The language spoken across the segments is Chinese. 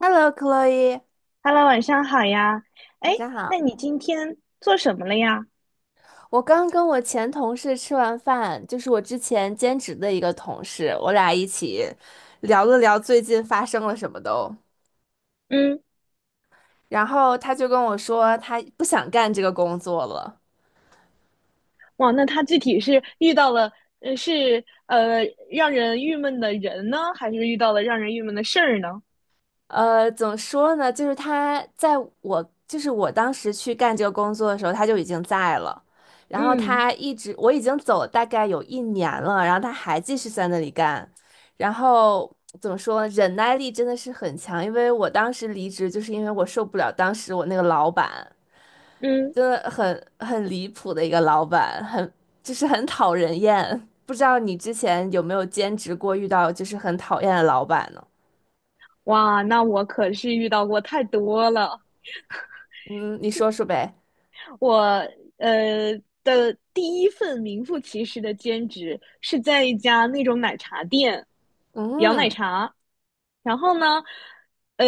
Hello, Chloe，Hello，晚上好呀。哎，晚上那好。你今天做什么了呀？我刚跟我前同事吃完饭，就是我之前兼职的一个同事，我俩一起聊了聊最近发生了什么都。嗯。然后他就跟我说，他不想干这个工作了。哇，那他具体是遇到了，呃，是呃让人郁闷的人呢，还是遇到了让人郁闷的事儿呢？怎么说呢？就是他在我，就是我当时去干这个工作的时候，他就已经在了。然后嗯他一直，我已经走大概有一年了，然后他还继续在那里干。然后怎么说呢？忍耐力真的是很强，因为我当时离职，就是因为我受不了当时我那个老板，嗯。真的很离谱的一个老板，就是很讨人厌。不知道你之前有没有兼职过，遇到就是很讨厌的老板呢？哇，那我可是遇到过太多了。嗯，你说说呗。我呃的第一份名副其实的兼职是在一家那种奶茶店摇奶嗯。茶。然后呢，呃，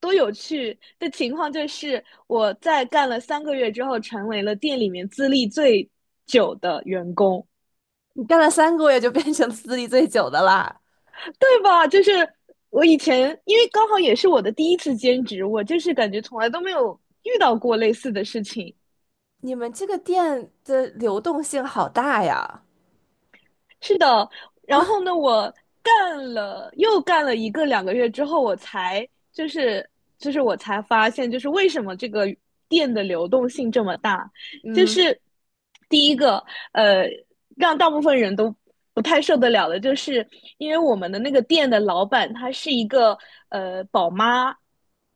多有趣的情况就是我在干了3个月之后，成为了店里面资历最久的员工，你干了3个月就变成资历最久的啦。对吧？就是我以前因为刚好也是我的第一次兼职，我就是感觉从来都没有遇到过类似的事情。你们这个店的流动性好大呀。是的。然后呢，我干了又干了一个两个月之后，我才就是我才发现，就是为什么这个店的流动性这么大。就嗯，是第一个呃，让大部分人都不太受得了的，就是因为我们的那个店的老板她是一个宝妈。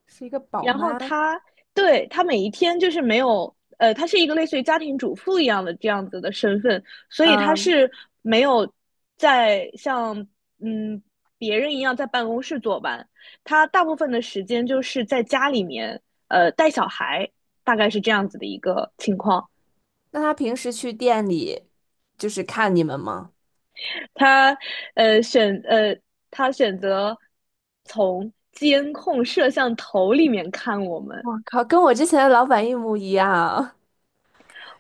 是一个宝然后妈。他，对，他每一天就是没有，他是一个类似于家庭主妇一样的这样子的身份，所以他嗯，是没有在像嗯别人一样在办公室坐班，他大部分的时间就是在家里面，带小孩，大概是这样子的一个情况。那她平时去店里就是看你们吗？他呃选呃他选择从监控摄像头里面看我们。我靠，跟我之前的老板一模一样。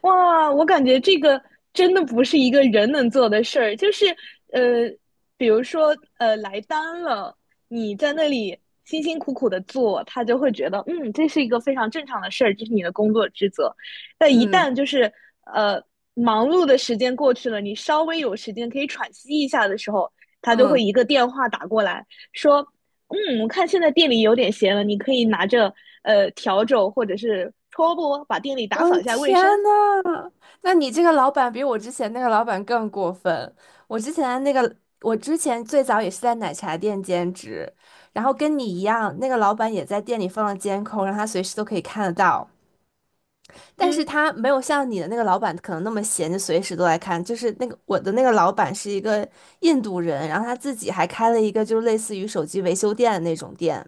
哇，我感觉这个真的不是一个人能做的事儿，就是呃，比如说来单了，你在那里辛辛苦苦的做，他就会觉得嗯，这是一个非常正常的事儿，这是你的工作职责。但一嗯旦就是呃忙碌的时间过去了，你稍微有时间可以喘息一下的时候，他就会嗯，一个电话打过来说，嗯，我看现在店里有点闲了，你可以拿着笤帚或者是拖布把店里打我扫的一下卫天生。呐，那你这个老板比我之前那个老板更过分。我之前那个，我之前最早也是在奶茶店兼职，然后跟你一样，那个老板也在店里放了监控，让他随时都可以看得到。但是嗯他没有像你的那个老板可能那么闲，就随时都来看。就是那个我的那个老板是一个印度人，然后他自己还开了一个就是类似于手机维修店的那种店。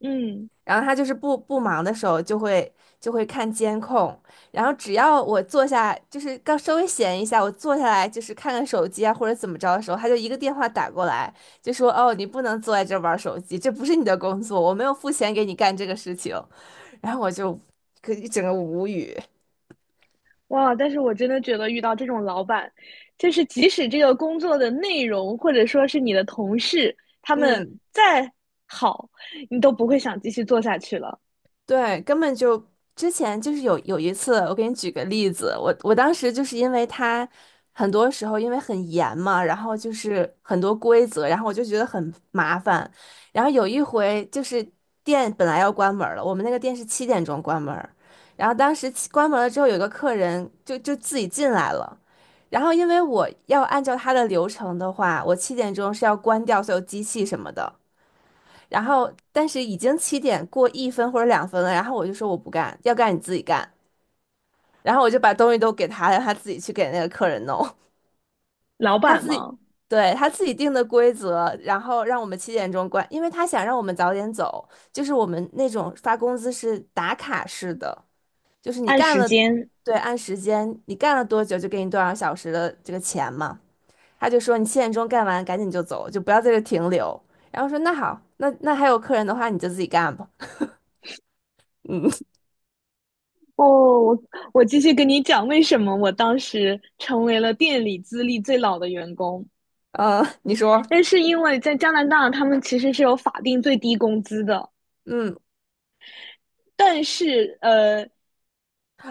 嗯。然后他就是不忙的时候就会看监控，然后只要我坐下，就是刚稍微闲一下，我坐下来就是看看手机啊或者怎么着的时候，他就一个电话打过来，就说哦你不能坐在这儿玩手机，这不是你的工作，我没有付钱给你干这个事情。然后我就可一整个无语，哇！但是我真的觉得遇到这种老板，就是即使这个工作的内容或者说是你的同事，他们嗯。再好，你都不会想继续做下去了。对，根本就之前就是有一次，我给你举个例子，我当时就是因为他很多时候因为很严嘛，然后就是很多规则，然后我就觉得很麻烦。然后有一回就是店本来要关门了，我们那个店是七点钟关门儿，然后当时关门了之后，有个客人就自己进来了，然后因为我要按照他的流程的话，我七点钟是要关掉所有机器什么的。然后但是已经7点过1分或者2分了，然后我就说我不干，要干你自己干。然后我就把东西都给他，让他自己去给那个客人弄，老 他板自己，嘛，对，他自己定的规则，然后让我们七点钟关，因为他想让我们早点走，就是我们那种发工资是打卡式的，就是你按干时了，间。对，按时间，你干了多久就给你多少小时的这个钱嘛。他就说你七点钟干完赶紧就走，就不要在这停留。然后说那好，那还有客人的话你就自己干吧。嗯。哦，我我继续跟你讲为什么我当时成为了店里资历最老的员工。嗯，你说，但是因为在加拿大，他们其实是有法定最低工资的。嗯，但是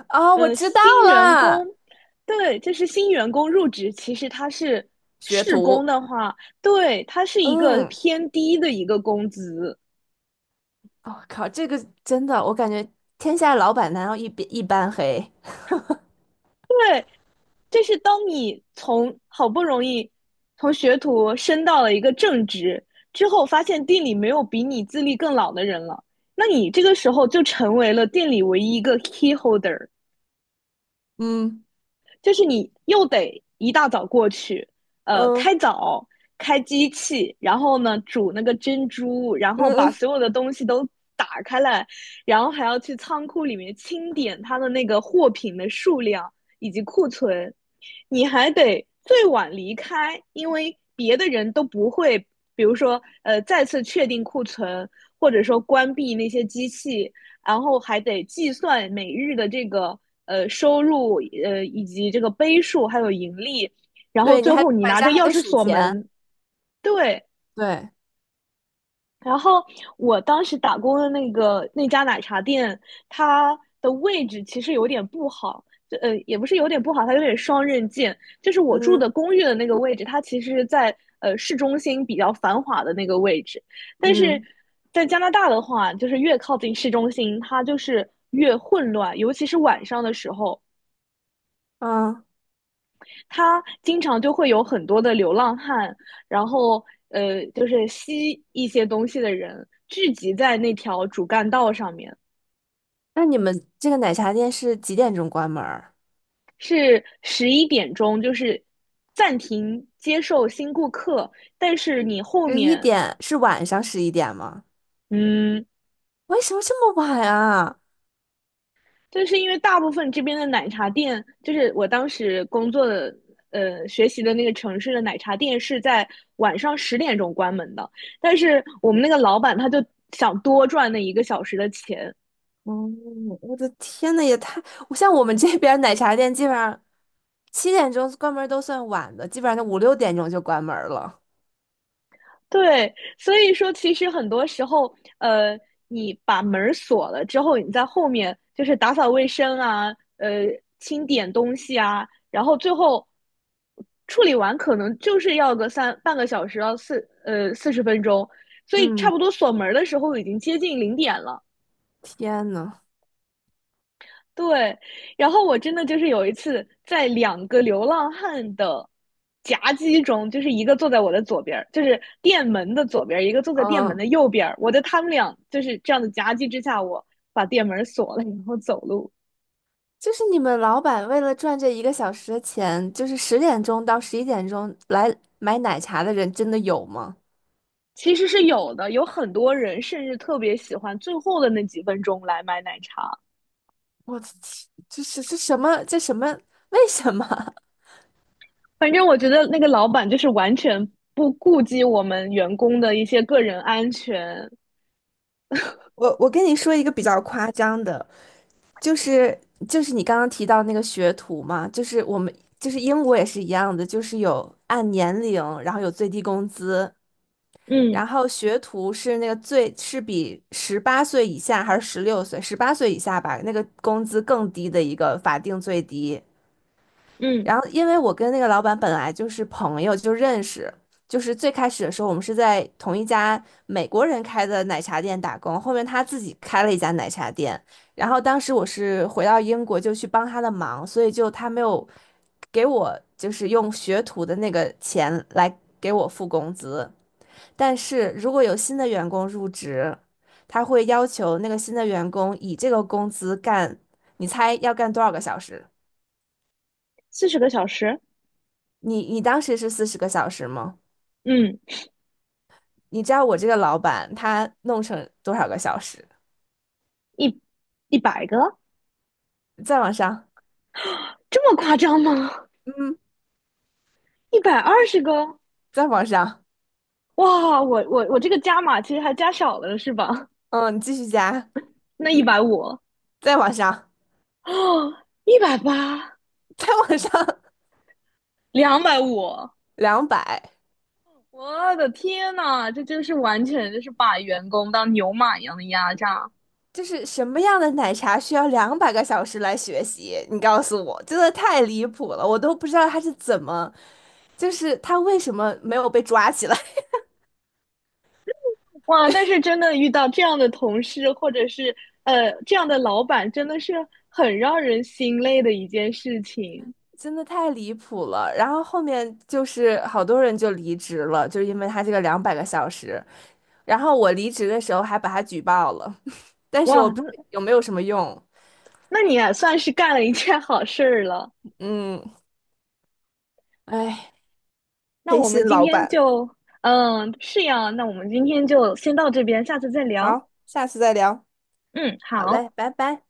啊，我知道新员了，工，对，就是新员工入职，其实它是学试徒，工的话，对，它是一个嗯，偏低的一个工资。我、靠，这个真的，我感觉天下老板难道一般黑？这是当你从好不容易从学徒升到了一个正职之后，发现店里没有比你资历更老的人了，那你这个时候就成为了店里唯一一个 key holder。嗯就是你又得一大早过去，呃，嗯开早开机器，然后呢煮那个珍珠，然嗯后把嗯，所有的东西都打开来，然后还要去仓库里面清点它的那个货品的数量以及库存。你还得最晚离开，因为别的人都不会，比如说再次确定库存，或者说关闭那些机器，然后还得计算每日的这个收入，以及这个杯数还有盈利，然后对，你最还后你晚拿着上还钥得匙数锁钱，门。对，对，然后我当时打工的那个那家奶茶店，它的位置其实有点不好，就也不是有点不好，它有点双刃剑。就是我住嗯的公寓的那个位置，它其实是在市中心比较繁华的那个位置，但是嗯在加拿大的话，就是越靠近市中心，它就是越混乱，尤其是晚上的时候。嗯，它经常就会有很多的流浪汉，然后就是吸一些东西的人聚集在那条主干道上面。那你们这个奶茶店是几点钟关门儿？是11点钟，就是暂停接受新顾客，但是你后十一面，点，是晚上十一点吗？嗯，为什么这么晚啊？就是因为大部分这边的奶茶店，就是我当时工作的。学习的那个城市的奶茶店是在晚上10点钟关门的，但是我们那个老板他就想多赚那1个小时的钱。哦，我的天呐，也太……像我们这边儿奶茶店，基本上七点钟关门儿都算晚的，基本上就5、6点钟就关门儿了。对，所以说其实很多时候，你把门儿锁了之后，你在后面就是打扫卫生啊，呃，清点东西啊，然后最后处理完，可能就是要个三半个小时到40分钟，所以差不嗯，多锁门儿的时候已经接近零点了。天呐，对，然后我真的就是有一次在两个流浪汉的夹击中，就是一个坐在我的左边儿，就是店门的左边儿，一个坐在店门嗯，的右边儿。我在他们俩就是这样的夹击之下，我把店门锁了，然后走路。就是你们老板为了赚这一个小时的钱，就是10点钟到11点钟来买奶茶的人真的有吗？其实是有的，有很多人甚至特别喜欢最后的那几分钟来买奶茶。我的天，这是这什么？这什么？为什么？反正我觉得那个老板就是完全不顾及我们员工的一些个人安全。我跟你说一个比较夸张的，就是就是你刚刚提到那个学徒嘛，就是我们就是英国也是一样的，就是有按年龄，然后有最低工资，嗯然后学徒是那个最是比十八岁以下还是16岁，十八岁以下吧，那个工资更低的一个法定最低。嗯，然后，因为我跟那个老板本来就是朋友，就认识，就是最开始的时候，我们是在同一家美国人开的奶茶店打工，后面他自己开了一家奶茶店，然后当时我是回到英国就去帮他的忙，所以就他没有给我就是用学徒的那个钱来给我付工资，但是如果有新的员工入职，他会要求那个新的员工以这个工资干，你猜要干多少个小时？40个小时，你当时是40个小时吗？嗯。你知道我这个老板他弄成多少个小时？一一百个，再往上，这么夸张吗？嗯，120个？再往上，哇，我这个加码其实还加少了是吧？嗯，你继续加，那150啊，再往上，180，再往上，250，两百，我的天呐，这就是完全就是把员工当牛马一样的压榨。就是什么样的奶茶需要两百个小时来学习？你告诉我，真的太离谱了，我都不知道他是怎么，就是他为什么没有被抓起来，哇！但是真的遇到这样的同事或者是这样的老板，真的是很让人心累的一件事 情。真的太离谱了。然后后面就是好多人就离职了，就是因为他这个两百个小时。然后我离职的时候还把他举报了。但是我哇！不知那道有没有什么用。那你也算是干了一件好事儿了。嗯，哎，那黑我们心今老天板。就，嗯，是呀，那我们今天就先到这边，下次再聊。好，下次再聊。嗯，好好。嘞，拜拜。